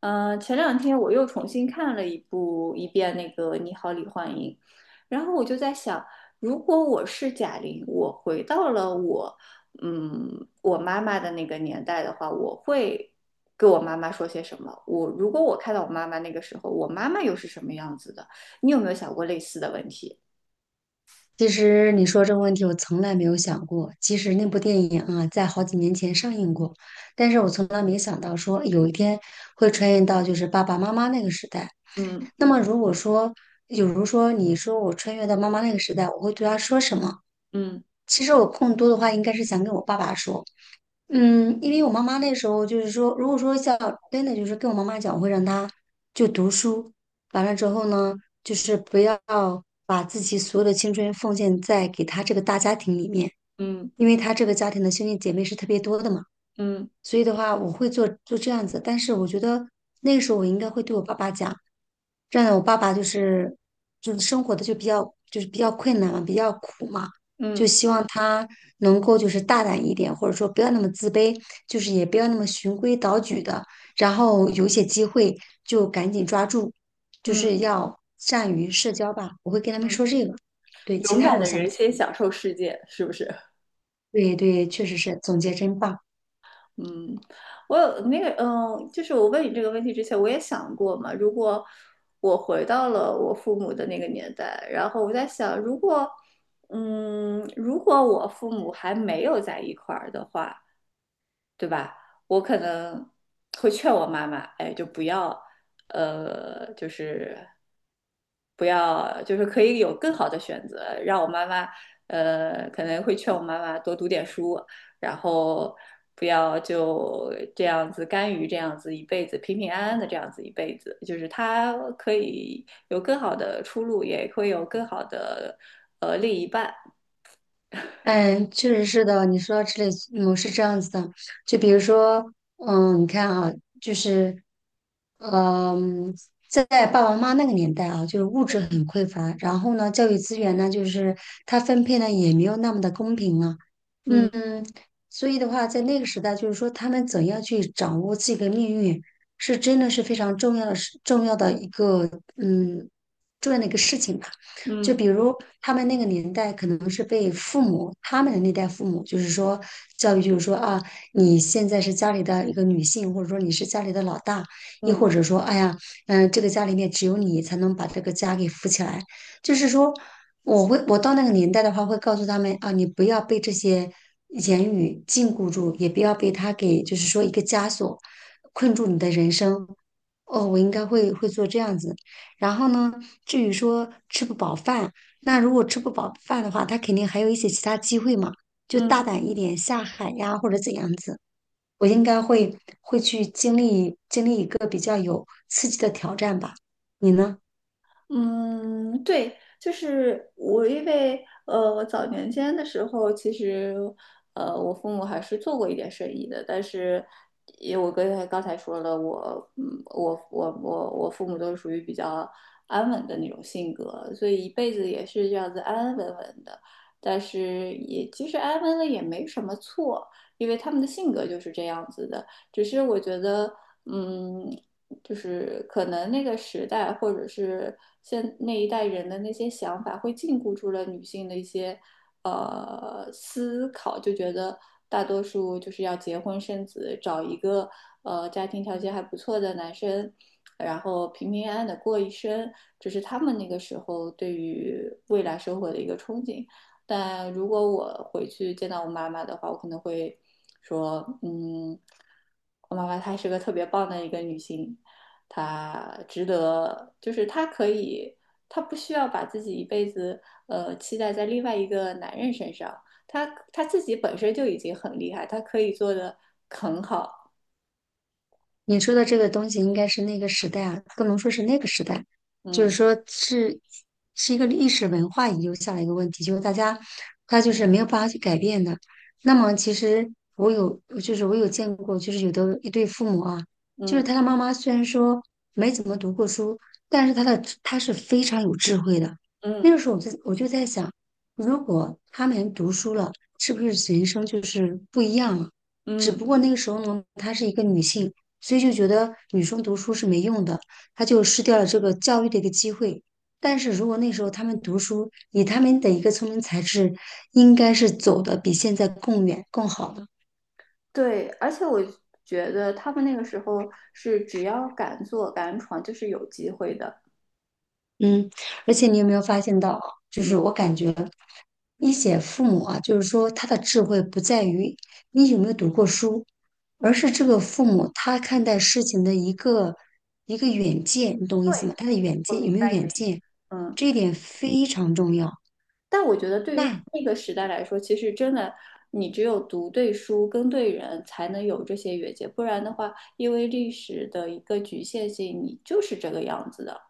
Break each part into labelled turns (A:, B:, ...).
A: 前两天我又重新看了一遍那个《你好，李焕英》，然后我就在想，如果我是贾玲，我回到了我，嗯，我妈妈的那个年代的话，我会跟我妈妈说些什么？如果我看到我妈妈那个时候，我妈妈又是什么样子的？你有没有想过类似的问题？
B: 其实你说这个问题，我从来没有想过。其实那部电影啊，在好几年前上映过，但是我从来没想到说有一天会穿越到就是爸爸妈妈那个时代。
A: 嗯
B: 那么如果说，比如说你说我穿越到妈妈那个时代，我会对她说什么？
A: 嗯
B: 其实我更多的话应该是想跟我爸爸说。因为我妈妈那时候就是说，如果说像真的就是跟我妈妈讲，我会让她就读书，完了之后呢，就是不要把自己所有的青春奉献在给她这个大家庭里面，
A: 嗯
B: 因为她这个家庭的兄弟姐妹是特别多的嘛，
A: 嗯
B: 所以的话，我会做这样子，但是我觉得那个时候我应该会对我爸爸讲。这样的，我爸爸就是生活的就比较比较困难嘛，比较苦嘛，就
A: 嗯
B: 希望他能够就是大胆一点，或者说不要那么自卑，就是也不要那么循规蹈矩的，然后有一些机会就赶紧抓住，就
A: 嗯嗯
B: 是要善于社交吧。我会跟他们
A: 嗯，
B: 说这个。对，其
A: 勇
B: 他
A: 敢
B: 我
A: 的
B: 想不
A: 人
B: 起
A: 先
B: 来。
A: 享受世界，是不是？
B: 对对，确实是，总结真棒。
A: 嗯，我有那个，就是我问你这个问题之前，我也想过嘛。如果我回到了我父母的那个年代，然后我在想，如果我父母还没有在一块儿的话，对吧？我可能会劝我妈妈，哎，就不要，呃，就是不要，可以有更好的选择。让我妈妈，可能会劝我妈妈多读点书，然后不要就这样子甘于这样子一辈子，平平安安的这样子一辈子。就是她可以有更好的出路，也会有更好的另一半。
B: 嗯，确实是的。你说到这里，嗯，是这样子的。就比如说，你看啊，就是，嗯，在爸爸妈妈那个年代啊，就是物质很匮乏，然后呢，教育资源呢，就是它分配呢也没有那么的公平啊。
A: 嗯
B: 嗯，所以的话，在那个时代，就是说他们怎样去掌握自己的命运，是真的是非常重要的事，重要的一个，嗯，重要的一个事情吧。就
A: 嗯
B: 比如他们那个年代，可能是被父母他们的那代父母，就是说教育，就是说啊，你现在是家里的一个女性，或者说你是家里的老大，亦
A: 嗯
B: 或者说，哎呀，这个家里面只有你才能把这个家给扶起来。就是说，我到那个年代的话，会告诉他们啊，你不要被这些言语禁锢住，也不要被他给就是说一个枷锁困住你的人生。哦，我应该会做这样子。然后呢，至于说吃不饱饭，那如果吃不饱饭的话，他肯定还有一些其他机会嘛，就大
A: 嗯。
B: 胆一点下海呀，或者怎样子。我应该会去经历一个比较有刺激的挑战吧，你呢？
A: 嗯，对，就是我，因为我早年间的时候，其实我父母还是做过一点生意的，但是也我跟刚才说了，我嗯，我我我我父母都是属于比较安稳的那种性格，所以一辈子也是这样子安安稳稳的。但是也其实安稳了也没什么错，因为他们的性格就是这样子的，只是我觉得。嗯，就是可能那个时代或者是那一代人的那些想法，会禁锢住了女性的一些思考，就觉得大多数就是要结婚生子，找一个家庭条件还不错的男生，然后平平安安的过一生，这是他们那个时候对于未来生活的一个憧憬。但如果我回去见到我妈妈的话，我可能会说，嗯，我妈妈她是个特别棒的一个女性，他值得，就是他可以，他不需要把自己一辈子期待在另外一个男人身上，他自己本身就已经很厉害，他可以做的很好，
B: 你说的这个东西应该是那个时代啊，不能说是那个时代，就是
A: 嗯
B: 说是一个历史文化遗留下来一个问题，就是大家他就是没有办法去改变的。那么其实我有，就是我有见过，就是有的一对父母啊，就是
A: 嗯
B: 他的妈妈虽然说没怎么读过书，但是他是非常有智慧的。那
A: 嗯
B: 个时候我就在想，如果他们读书了，是不是人生就是不一样了？只
A: 嗯，
B: 不过那个时候呢，她是一个女性。所以就觉得女生读书是没用的，她就失掉了这个教育的一个机会。但是如果那时候她们读书，以她们的一个聪明才智，应该是走的比现在更远、更好的。
A: 对，而且我觉得他们那个时候是只要敢做敢闯，就是有机会的，
B: 嗯，而且你有没有发现到啊就
A: 嗯，
B: 是我感觉一些父母啊，就是说他的智慧不在于你有没有读过书，而是这个父母他看待事情的一个远见，你懂我意
A: 对，
B: 思吗？他的远
A: 我
B: 见
A: 明
B: 有没有
A: 白你
B: 远
A: 的意思，
B: 见，
A: 嗯。
B: 这一点非常重要。
A: 但我觉得对于他
B: 那
A: 那个时代来说，其实真的，你只有读对书、跟对人，才能有这些越界，不然的话，因为历史的一个局限性，你就是这个样子的。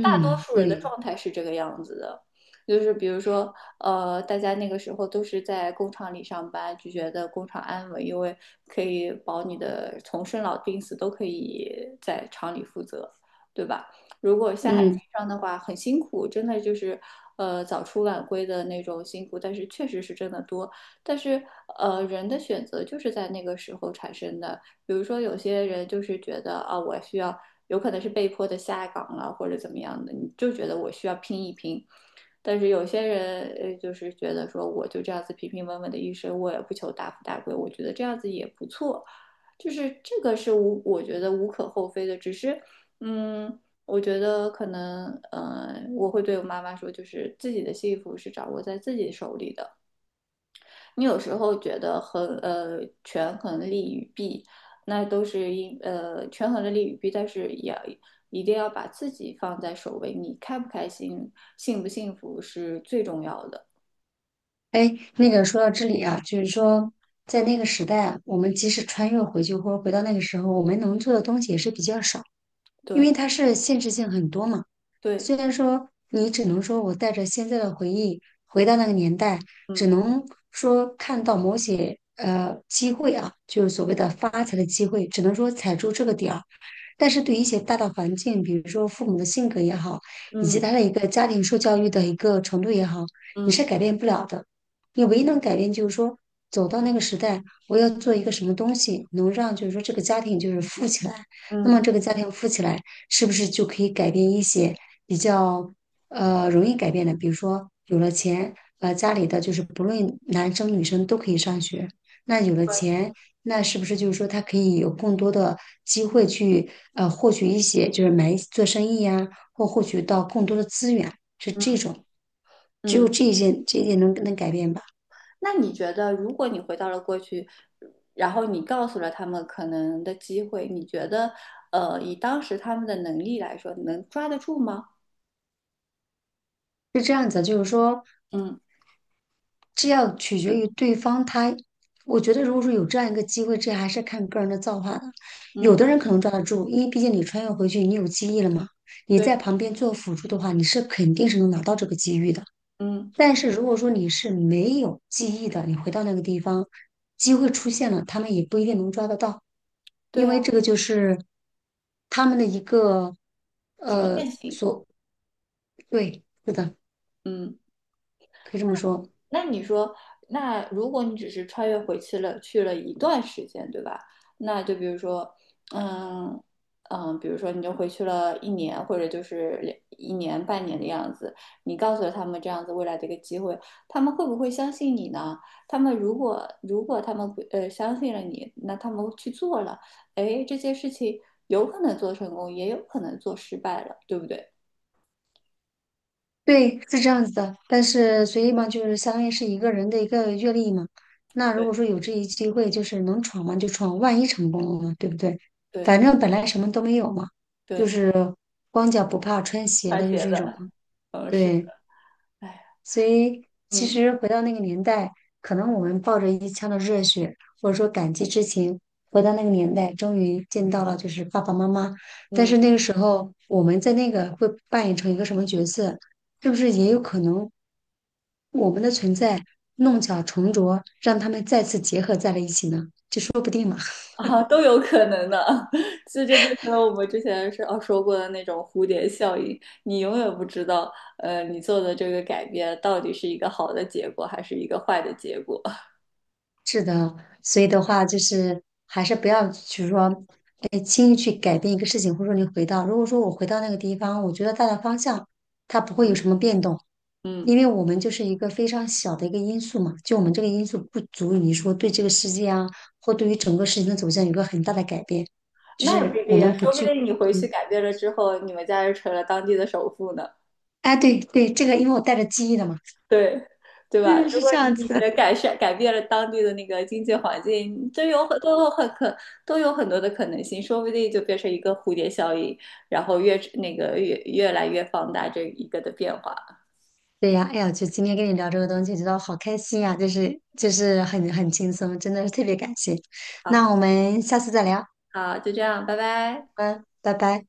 A: 大多数人的
B: 对，
A: 状态是这个样子的，就是比如说，大家那个时候都是在工厂里上班，就觉得工厂安稳，因为可以保你的从生老病死都可以在厂里负责，对吧？如果下海
B: 嗯，
A: 经商的话，很辛苦，真的就是，早出晚归的那种辛苦，但是确实是真的多。但是，人的选择就是在那个时候产生的。比如说，有些人就是觉得啊，我需要有可能是被迫的下岗了或者怎么样的，你就觉得我需要拼一拼。但是有些人就是觉得说我就这样子平平稳稳的一生，我也不求大富大贵，我觉得这样子也不错。就是这个是无，我觉得无可厚非的，只是嗯。我觉得可能，我会对我妈妈说，就是自己的幸福是掌握在自己手里的，你有时候觉得权衡利与弊，那都是权衡了利与弊，但是也一定要把自己放在首位。你开不开心、幸不幸福是最重要的。
B: 哎，那个说到这里啊，就是说，在那个时代啊我们即使穿越回去或者回到那个时候，我们能做的东西也是比较少。因为
A: 对
B: 它是现实性很多嘛。
A: 对，
B: 虽然说你只能说我带着现在的回忆回到那个年代，只
A: 嗯
B: 能说看到某些机会啊，就是所谓的发财的机会，只能说踩住这个点儿。但是对于一些大的环境，比如说父母的性格也好，以及
A: 嗯
B: 他的一个家庭受教育的一个程度也好，你
A: 嗯
B: 是改变不了的。你唯一能改变就是说，走到那个时代，我要做一个什么东西，能让就是说这个家庭就是富起来。那么
A: 嗯，
B: 这个家庭富起来，是不是就可以改变一些比较容易改变的？比如说有了钱，呃，家里的就是不论男生女生都可以上学。那有了
A: 对，
B: 钱，那是不是就是说他可以有更多的机会去获取一些，就是买一做生意呀、或获取到更多的资源，是
A: 嗯
B: 这种。只有
A: 嗯。
B: 这一件，这一点能改变吧？
A: 那你觉得，如果你回到了过去，然后你告诉了他们可能的机会，你觉得以当时他们的能力来说，能抓得住吗？
B: 是这样子，就是说，
A: 嗯
B: 这要取决于对方他，我觉得如果说有这样一个机会，这还是看个人的造化的。有
A: 嗯，
B: 的人可能抓得住，因为毕竟你穿越回去，你有记忆了嘛，你
A: 对，
B: 在旁边做辅助的话，你是肯定是能拿到这个机遇的。
A: 嗯。
B: 但是如果说你是没有记忆的，你回到那个地方，机会出现了，他们也不一定能抓得到，
A: 对
B: 因
A: 呀。
B: 为这个就是他们的一个
A: 局限性。
B: 所，对，是的，
A: 嗯，
B: 可以这么说。
A: 那你说，那如果你只是穿越回去了，去了一段时间，对吧？那就比如说，嗯比如说你就回去了一年，或者就是一年半年的样子，你告诉了他们这样子未来的一个机会，他们会不会相信你呢？他们如果他们不相信了你，那他们去做了，哎，这件事情有可能做成功，也有可能做失败了，对不对？
B: 对，是这样子的，但是所以嘛，就是相当于是一个人的一个阅历嘛。那如
A: 对，
B: 果说有这一机会，就是能闯嘛就闯，万一成功了呢，对不对？反
A: 对
B: 正本来什么都没有嘛，就
A: 对，
B: 是光脚不怕穿鞋
A: 穿
B: 的，就
A: 鞋
B: 这
A: 的。
B: 种嘛。
A: 嗯，是。
B: 对。
A: 哎，
B: 所以其
A: 嗯
B: 实回到那个年代，可能我们抱着一腔的热血，或者说感激之情，回到那个年代，终于见到了就是爸爸妈妈。但
A: 嗯
B: 是那个时候，我们在那个会扮演成一个什么角色，是不是也有可能我们的存在弄巧成拙，让他们再次结合在了一起呢？就说不定嘛。
A: 啊，都有可能的，这就变成了我们之前说过的那种蝴蝶效应，你永远不知道，你做的这个改变到底是一个好的结果还是一个坏的结果。
B: 是的，所以的话就是还是不要，就是说，哎，轻易去改变一个事情，或者说你回到，如果说我回到那个地方，我觉得大的方向它不会有什 么变动，因
A: 嗯，
B: 为我们就是一个非常小的一个因素嘛，就我们这个因素不足以说对这个世界啊，或对于整个事情的走向有一个很大的改变，就
A: 那也不
B: 是
A: 一
B: 我
A: 定呀，
B: 们不
A: 说不
B: 具，
A: 定你回去
B: 嗯，
A: 改变了之后，你们家就成了当地的首富呢。
B: 哎，对对，这个因为我带着记忆的嘛，
A: 对，对 吧？
B: 对，
A: 如
B: 是
A: 果
B: 这样
A: 你
B: 子。
A: 的改变了当地的那个经济环境，这有很都有很可都有很多的可能性，说不定就变成一个蝴蝶效应，然后越来越放大这一个的变化。
B: 对呀，哎呀，就今天跟你聊这个东西，觉得好开心呀，就是很很轻松，真的是特别感谢。那
A: 好，
B: 我们下次再聊，
A: 好，就这样，拜拜。
B: 嗯，拜拜。